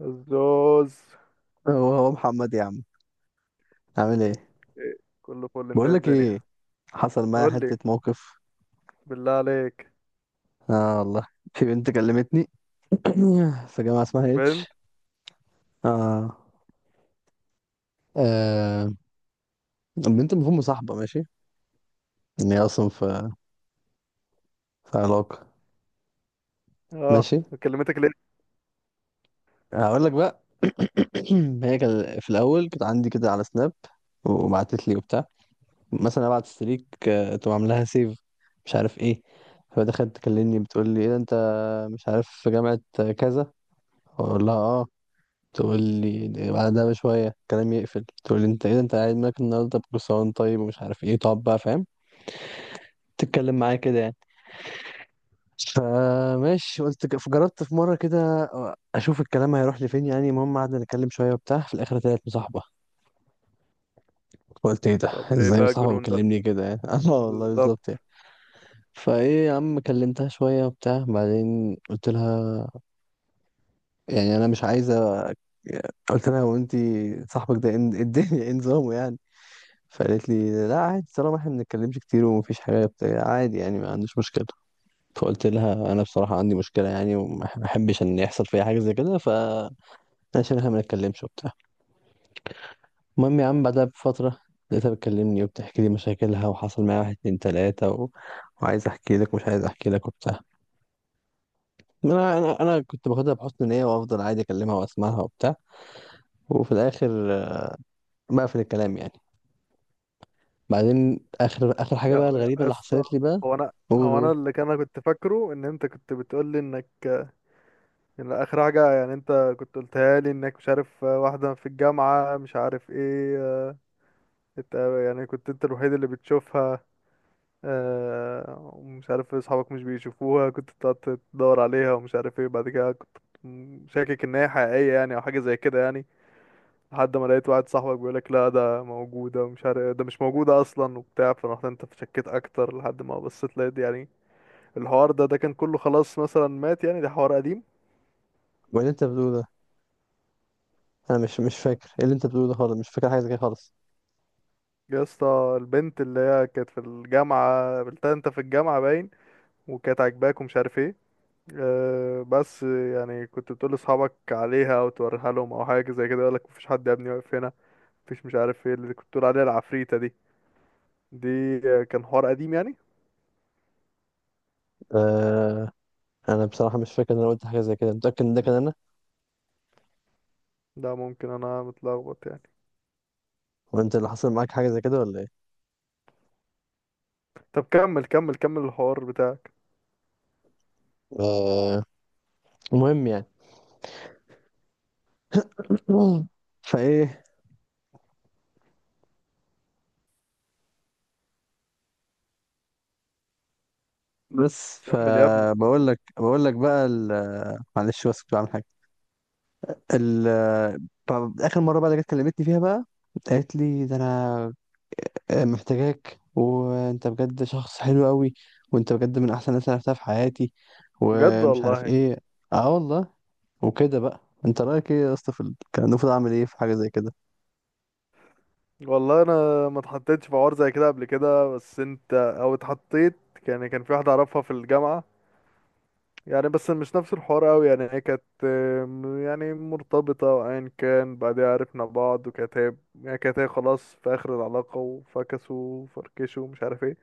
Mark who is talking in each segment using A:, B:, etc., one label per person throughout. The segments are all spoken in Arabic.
A: الزوز!
B: هو محمد يا عم، عامل ايه؟
A: إيه، كله فل. انت
B: بقول
A: إيه
B: لك
A: الدنيا؟
B: ايه، حصل معايا
A: قول لي،
B: حته موقف.
A: بالله عليك.
B: اه والله، في بنت كلمتني في جامعه اسمها
A: بنت؟
B: اتش. اه، آه، البنت المفروض مصاحبه ماشي، ان هي اصلا في علاقه.
A: اه.
B: ماشي،
A: كلمتك ليه؟
B: هقول لك بقى. هي كان في الاول كانت عندي كده على سناب وبعتت لي وبتاع، مثلا ابعت ستريك تقوم عاملاها سيف، مش عارف ايه. فدخلت تكلمني بتقول لي ايه ده، انت مش عارف في جامعه كذا، اقول لها اه، تقول لي بعدها بشوية الكلام يقفل، تقول لي انت ايه ده انت قاعد مالك النهاردة بكسران طيب ومش عارف ايه، تقعد بقى فاهم تتكلم معايا كده يعني. فماشي قلت جربت في مرة كده اشوف الكلام هيروح لفين يعني. المهم قعدنا نتكلم شوية وبتاع، في الاخر طلعت مصاحبة. قلت ايه ده،
A: طب ايه
B: ازاي
A: بقى
B: مصاحبة
A: الجنون ده؟
B: مكلمني كده يعني؟ اه والله بالظبط
A: بالظبط.
B: يعني. فايه يا عم، كلمتها شوية وبتاع، بعدين قلت لها يعني انا مش عايزة. قلت لها هو انت صاحبك ده ايه الدنيا، ايه نظامه يعني؟ فقالت لي لا عادي، طالما احنا ما بنتكلمش كتير ومفيش حاجه بتاع، عادي يعني، ما عنديش مشكله. فقلت لها انا بصراحه عندي مشكله يعني، وما ما احبش ان يحصل فيها حاجه زي كده، فعشان احنا ما نتكلمش وبتاع. المهم يا عم، بعدها بفتره لقيتها بتكلمني وبتحكي لي مشاكلها، وحصل معايا واحد اتنين تلاته وعايز احكي لك ومش عايز احكي لك وبتاع. انا كنت باخدها بحسن نيه وافضل عادي اكلمها واسمعها وبتاع، وفي الاخر بقفل الكلام يعني. بعدين اخر اخر حاجه بقى،
A: يا يا
B: الغريبه
A: يا
B: اللي
A: اسطى،
B: حصلت لي بقى.
A: هو انا
B: قول
A: هو انا
B: قول.
A: انا كنت فاكره ان انت كنت بتقول لي ان اخر حاجه يعني انت كنت قلتها لي انك مش عارف واحده في الجامعه مش عارف ايه، انت يعني كنت انت الوحيد اللي بتشوفها، ومش عارف إيه، اصحابك مش بيشوفوها، كنت بتقعد تدور عليها ومش عارف ايه. بعد كده كنت شاكك ان هي حقيقية يعني او حاجة زي كده يعني، لحد ما لقيت واحد صاحبك بيقولك لا ده موجودة ومش عارف إيه، ده مش موجودة اصلا وبتاع، فرحت انت شكيت اكتر لحد ما بصيت لقيت يعني الحوار ده كان كله خلاص مثلا مات يعني، ده حوار قديم.
B: وبعدين انت بتقول؟ انا مش فاكر ايه اللي انت بتقوله ده خالص، مش فاكر حاجه زي كده خالص.
A: يا اسطى البنت اللي هي كانت في الجامعة قابلتها انت في الجامعة باين، وكانت عاجباك ومش عارف ايه. بس يعني كنت بتقول لاصحابك عليها او توريها لهم او حاجه زي كده، يقولك مفيش حد يا ابني واقف هنا، مفيش. مش عارف ايه اللي كنت بتقول عليها، العفريته دي كان حوار قديم يعني.
B: آه، انا بصراحه مش فاكر ان انا قلت حاجه زي كده، متاكد ان ده كان انا
A: ده ممكن انا متلخبط يعني.
B: وانت اللي حصل معاك حاجه زي كده ولا ايه؟
A: طب كمل كمل كمل الحوار بتاعك.
B: آه. المهم يعني فايه، بس
A: كمل يا ابني.
B: فبقول لك بقى معلش بس كنت بعمل حاجه. ال طب اخر مره بقى اللي جت كلمتني فيها بقى، قالت لي ده انا محتاجاك، وانت بجد شخص حلو قوي، وانت بجد من احسن الناس اللي عرفتها في حياتي،
A: بجد
B: ومش عارف
A: والله.
B: ايه. اه والله. وكده بقى، انت رايك ايه يا اسطى في كان المفروض اعمل ايه في حاجه زي كده؟
A: والله انا ما اتحطيتش في حوار زي كده قبل كده، بس انت، او اتحطيت يعني. كان في واحده اعرفها في الجامعه يعني، بس مش نفس الحوار قوي يعني، هي كانت يعني مرتبطة، وأيا كان بعدها عرفنا بعض، وكانت هي يعني كانت هي خلاص في آخر العلاقة وفكسوا وفركشوا ومش عارف ايه.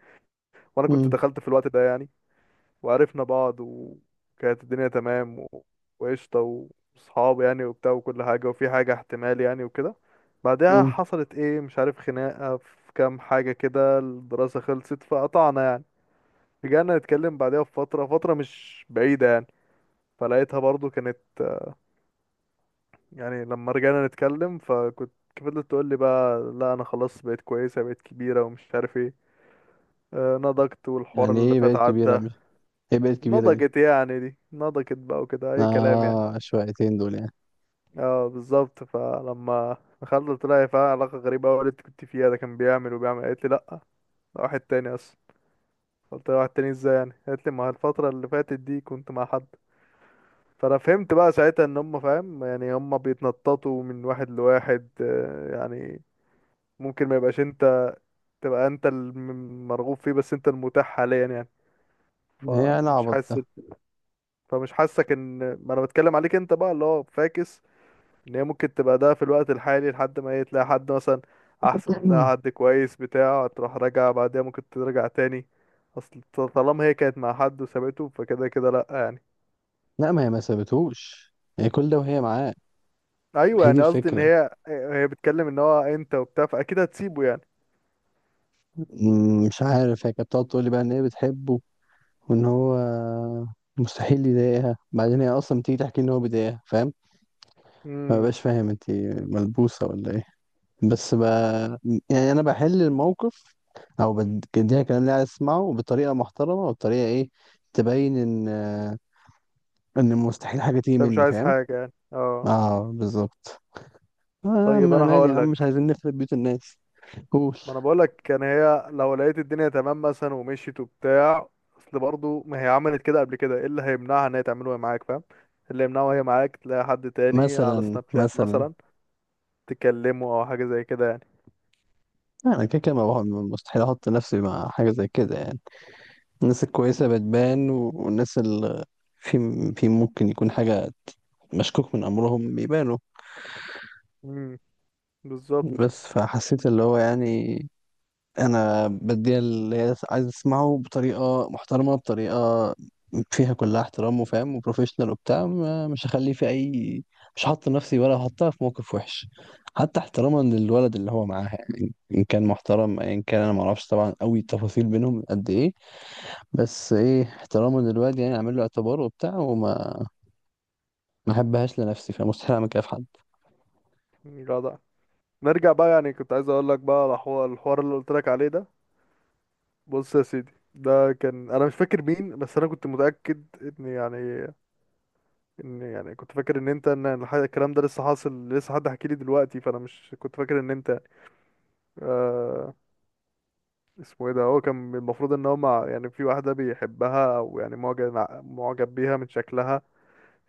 A: وأنا كنت
B: امم.
A: دخلت في الوقت ده يعني، وعرفنا بعض، وكانت الدنيا تمام وقشطة، وصحاب يعني وبتاع وكل حاجة، وفي حاجة احتمال يعني وكده. بعدها
B: امم.
A: حصلت ايه، مش عارف، خناقة في كام حاجة كده، الدراسة خلصت فقطعنا يعني. رجعنا نتكلم بعدها بفترة، فترة مش بعيدة يعني، فلقيتها برضو كانت يعني، لما رجعنا نتكلم، فكنت فضلت تقول لي بقى لا انا خلاص بقيت كويسه، بقيت كبيره ومش عارف ايه، نضجت والحوار
B: يعني
A: اللي
B: ايه
A: فات
B: بقت كبيره؟
A: عدى.
B: مش ايه بقت كبيره دي؟
A: نضجت يعني، دي نضجت بقى وكده اي كلام يعني.
B: اه، شويتين دول يعني.
A: اه بالظبط. فلما دخلت طلع فيها علاقه غريبه قوي، اللي انت كنت فيها ده كان بيعمل وبيعمل، قالت لي لا ده واحد تاني اصلا. قلت لها واحد تاني ازاي يعني، قالت لي ما الفتره اللي فاتت دي كنت مع حد. فانا فهمت بقى ساعتها ان هم فاهم يعني، هم بيتنططوا من واحد لواحد يعني. ممكن ما يبقاش انت، تبقى انت المرغوب فيه، بس انت المتاح حاليا يعني.
B: ايه انا
A: فمش
B: عبط
A: حاسس
B: ده؟
A: فمش حاسك ان ما انا بتكلم عليك انت بقى اللي هو فاكس. ان هي ممكن تبقى ده في الوقت الحالي لحد ما ايه، تلاقي حد مثلا، احسن، تلاقي حد كويس بتاع، تروح راجع بعدها، ممكن ترجع تاني. اصل طالما هي كانت مع حد وسابته، فكده كده لا يعني.
B: لا، ما هي ما سابتهوش، هي كل ده وهي معاه. ما
A: ايوه
B: هي دي
A: يعني قصدي ان
B: الفكره.
A: هي بتتكلم ان هو انت وبتاع، فاكيد هتسيبه يعني.
B: مش عارف، هي كانت بتقعد تقول لي بقى ان هي بتحبه وان هو مستحيل يضايقها، بعدين هي اصلا بتيجي تحكي ان هو بيضايقها فاهم. ما
A: امم
B: بقاش فاهم انت، ملبوسه ولا ايه؟ بس يعني انا بحل الموقف، او بديها الكلام اللي عايز اسمعه بطريقه محترمه وبطريقه ايه تبين ان ان مستحيل حاجه تيجي
A: انت مش
B: مني
A: عايز
B: فاهم.
A: حاجه يعني اه.
B: اه بالظبط.
A: طيب
B: ما انا
A: انا
B: مالي يا
A: هقول
B: عم، مش
A: لك.
B: عايزين نخرب بيوت الناس. قول.
A: ما انا بقولك، كان هي لو لقيت الدنيا تمام مثلا ومشيت وبتاع، اصل برضه ما هي عملت كده قبل كده، ايه اللي هيمنعها ان هي تعمله وهي معاك؟ فاهم إيه اللي يمنعه وهي معاك تلاقي حد تاني على
B: مثلا
A: سناب شات
B: مثلا
A: مثلا، تكلمه او حاجه زي كده يعني.
B: انا كده كده ما مستحيل احط نفسي مع حاجه زي كده يعني. الناس الكويسه بتبان، والناس اللي في في ممكن يكون حاجه مشكوك من امرهم بيبانوا.
A: امم بالظبط.
B: بس فحسيت اللي هو يعني انا بديها اللي هي عايز اسمعه بطريقه محترمه، بطريقه فيها كلها احترام وفاهم وبروفيشنال وبتاع. مش هخلي في اي، مش هحط نفسي ولا هحطها في موقف وحش. حتى احتراما للولد اللي هو معاها يعني، ان كان محترم، ان كان انا ما اعرفش طبعا قوي التفاصيل بينهم قد ايه، بس ايه احتراما للولد يعني اعمل له اعتبار وبتاع، وما ما احبهاش لنفسي، فمستحيل اعمل كده في حد.
A: جدع. نرجع بقى يعني، كنت عايز اقول لك بقى على الحوار اللي قلت لك عليه ده. بص يا سيدي، ده كان، انا مش فاكر مين، بس انا كنت متاكد ان يعني كنت فاكر ان انت، ان الكلام ده لسه حاصل، لسه حد حكي لي دلوقتي، فانا مش كنت فاكر ان انت، آه اسمه ايه ده، هو كان المفروض ان هو مع يعني، في واحدة بيحبها او يعني معجب بيها من شكلها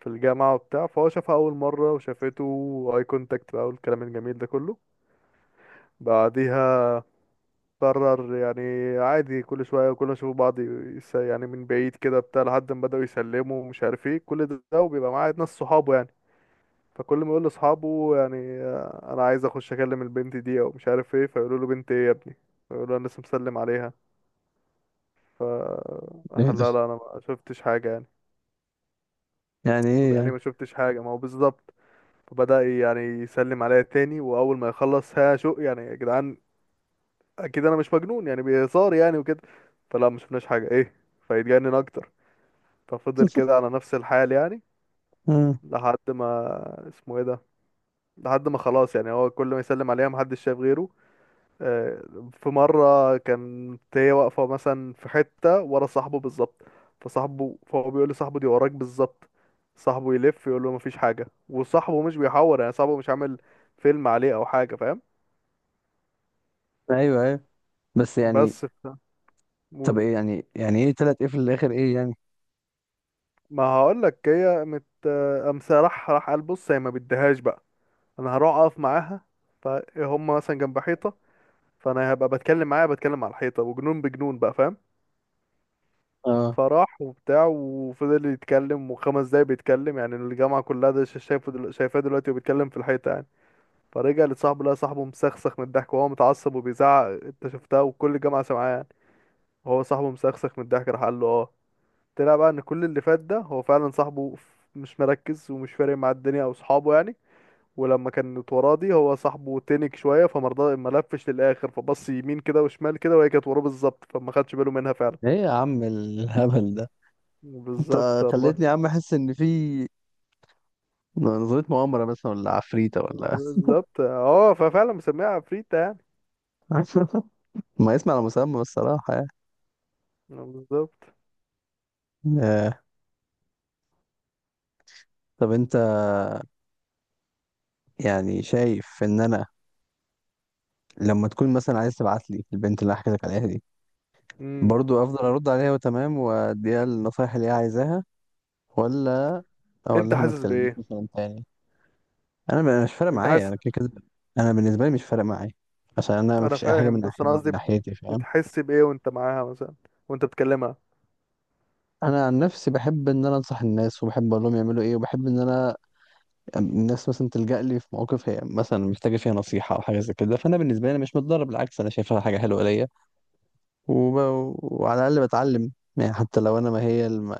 A: في الجامعة وبتاع، فهو شافها أول مرة وشافته، واي كونتاكت بقى والكلام الجميل ده كله. بعديها قرر يعني، عادي كل شوية، كل ما يشوفوا بعض يعني من بعيد كده بتاع، لحد ما بدأوا يسلموا ومش عارف ايه كل ده، وبيبقى معاه ناس صحابه يعني، فكل ما يقول لأصحابه يعني أنا عايز أخش أكلم البنت دي أو مش عارف ايه، فيقولوا له بنت ايه يا ابني، فيقولوا له أنا لسه مسلم عليها. ف
B: ايه ده؟
A: لا لا انا ما شفتش حاجه يعني.
B: يعني
A: طب
B: ايه
A: يعني إيه
B: يعني؟
A: ما شفتش حاجه، ما هو بالظبط. فبدأ يعني يسلم عليا تاني، واول ما يخلص ها شو يعني يا جدعان، اكيد انا مش مجنون يعني، بهزار يعني وكده، فلا ما شفناش حاجه ايه. فيتجنن اكتر، ففضل كده على نفس الحال يعني،
B: آه.
A: لحد ما اسمه ايه ده، لحد ما خلاص يعني هو كل ما يسلم عليها محدش شايف غيره. آه، في مرة كانت هي واقفة مثلا في حتة ورا صاحبه بالظبط، فهو بيقول لصاحبه دي وراك بالظبط، صاحبه يلف يقول له مفيش حاجة، وصاحبه مش بيحور يعني، صاحبه مش عامل فيلم عليه أو حاجة، فاهم.
B: ايوه ايوه. بس يعني
A: بس ف-
B: طب
A: مول-
B: ايه يعني ايه تلات ايه في الاخر ايه يعني؟
A: ما هقولك، هي مت، قام راح قال بص، هي ما بديهاش بقى، أنا هروح أقف معاها. فهم مثلا جنب حيطة، فأنا هبقى بتكلم معاها، بتكلم على الحيطة، وجنون بجنون بقى فاهم.
B: اه،
A: فراح وبتاع وفضل يتكلم وخمس دقايق بيتكلم يعني، الجامعة كلها ده شايفاه دلوقتي وبيتكلم في الحيطة يعني. فرجع لصاحبه لقى صاحبه مسخسخ من الضحك، وهو متعصب وبيزعق انت شفتها وكل الجامعة سامعاه يعني، وهو صاحبه مسخسخ من الضحك، راح قال له اه. طلع بقى ان كل اللي فات ده هو فعلا صاحبه مش مركز ومش فارق مع الدنيا او صحابه يعني. ولما كانت وراه دي هو صاحبه تنك شوية، فمرضى ما لفش للآخر، فبص يمين كده وشمال كده، وهي كانت وراه بالظبط، فما خدش باله منها فعلا.
B: ايه يا عم الهبل ده؟
A: بالظبط،
B: انت
A: الله،
B: خليتني يا عم احس ان في نظرية مؤامرة، بس ولا عفريتة ولا
A: بالظبط. اه ففعلا مسميها عفريتة يعني.
B: ما يسمع على مسمى الصراحة يعني.
A: بالظبط.
B: آه. طب انت يعني شايف ان انا لما تكون مثلا عايز تبعت لي البنت اللي حكيتك عليها دي،
A: امم
B: برضو افضل ارد عليها وتمام واديها النصايح اللي هي عايزاها، ولا اقول
A: انت
B: لها ما
A: حاسس
B: تكلمنيش
A: بايه؟
B: مثلا تاني؟ انا مش فارق
A: انت
B: معايا،
A: حاسس.
B: انا كده كده. انا بالنسبة لي مش فارق معايا، عشان انا
A: انا
B: مفيش اي حاجة من
A: فاهم بس
B: ناحية
A: انا
B: من
A: قصدي،
B: ناحيتي فاهم.
A: بتحس بايه وانت معاها مثلا، وانت بتكلمها؟
B: انا عن نفسي بحب ان انا انصح الناس وبحب اقول لهم يعملوا ايه، وبحب ان انا الناس مثلا تلجأ لي في مواقف هي مثلا محتاجه فيها نصيحه او حاجه زي كده، فانا بالنسبه لي أنا مش متضرر، بالعكس انا شايفها حاجه حلوه ليا. وب... وعلى الاقل بتعلم يعني، حتى لو انا ما هي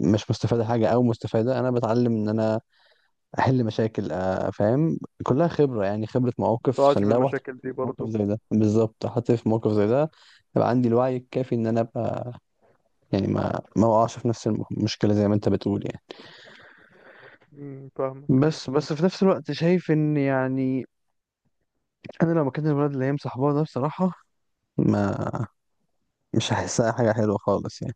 B: مش مستفاده حاجه، او مستفاده، انا بتعلم ان انا احل مشاكل فاهم، كلها خبره يعني، خبره
A: ما
B: مواقف،
A: تقعش
B: عشان
A: في
B: لو رحت في
A: المشاكل دي
B: موقف
A: برضو.
B: زي ده بالظبط، حطيت في موقف زي ده يبقى عندي الوعي الكافي ان انا ابقى يعني ما اقعش في نفس المشكله زي ما انت بتقول يعني.
A: فاهمك.
B: بس في نفس الوقت شايف ان يعني انا لو مكان الولد اللي هي مصاحباه ده بصراحه ما مش هحسها حاجه حلوه خالص يعني،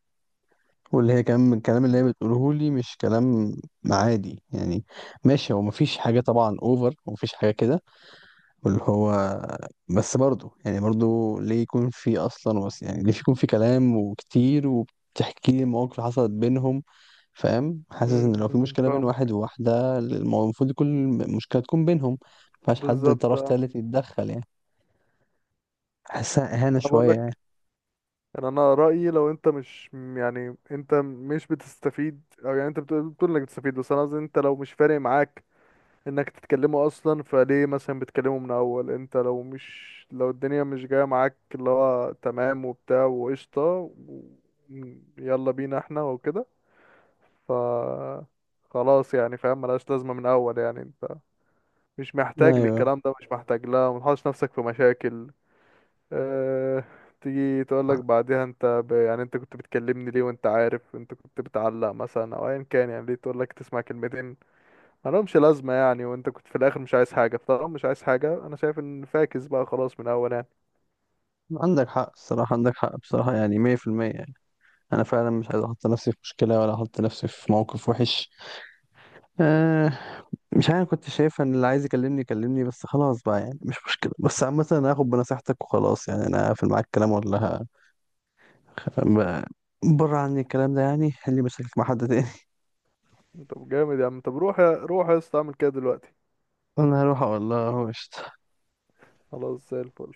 B: واللي هي كمان من الكلام اللي هي بتقوله لي مش كلام عادي يعني. ماشي، هو مفيش حاجه طبعا اوفر ومفيش حاجه كده، واللي هو بس برضه يعني، برضه ليه يكون في اصلا، بس يعني ليه يكون في كلام وكتير وبتحكي لي مواقف حصلت بينهم فاهم. حاسس ان لو في مشكله بين واحد
A: فاهمك.
B: وواحده المفروض كل مشكله تكون بينهم، مفيهاش حد
A: بالظبط.
B: طرف
A: آه.
B: تالت يتدخل يعني. حاسسها اهانه
A: انا بقول
B: شويه يعني.
A: لك، ان انا رايي، لو انت مش يعني انت مش بتستفيد، او يعني انت بتقول انك بتستفيد، بس انا قصدي انت لو مش فارق معاك انك تتكلموا اصلا، فليه مثلا بتكلموا من اول؟ انت لو الدنيا مش جايه معاك اللي هو تمام وبتاع وقشطه و- يلا بينا احنا وكده، ف خلاص يعني فاهم، ملهاش لازمه من اول يعني. انت مش محتاج
B: ايوه،
A: للكلام ده مش محتاج، لا متحطش نفسك في مشاكل. اه... تيجي تقولك بعدها، يعني انت كنت بتكلمني ليه وانت عارف؟ انت كنت بتعلق مثلا او ايا كان يعني، ليه تقولك تسمع كلمتين مالهمش لازمة يعني وانت كنت في الاخر مش عايز حاجة؟ فطالما مش عايز حاجة انا شايف ان فاكس بقى خلاص من اول يعني.
B: عندك حق الصراحة، عندك حق بصراحة، يعني 100% يعني. أنا فعلا مش عايز أحط نفسي في مشكلة ولا أحط نفسي في موقف وحش. آه مش عارف، كنت شايف ان اللي عايز يكلمني يكلمني بس، خلاص بقى يعني مش مشكلة. بس عامة انا هاخد بنصيحتك وخلاص يعني، انا هقفل معاك الكلام ولا ب- بره عني الكلام ده، يعني اللي مشاكلك مع حد تاني.
A: طب جامد يا عم. طب روح يا اسطى اعمل كده دلوقتي.
B: انا هروح اقول لها هو قشطة.
A: خلاص زي الفل.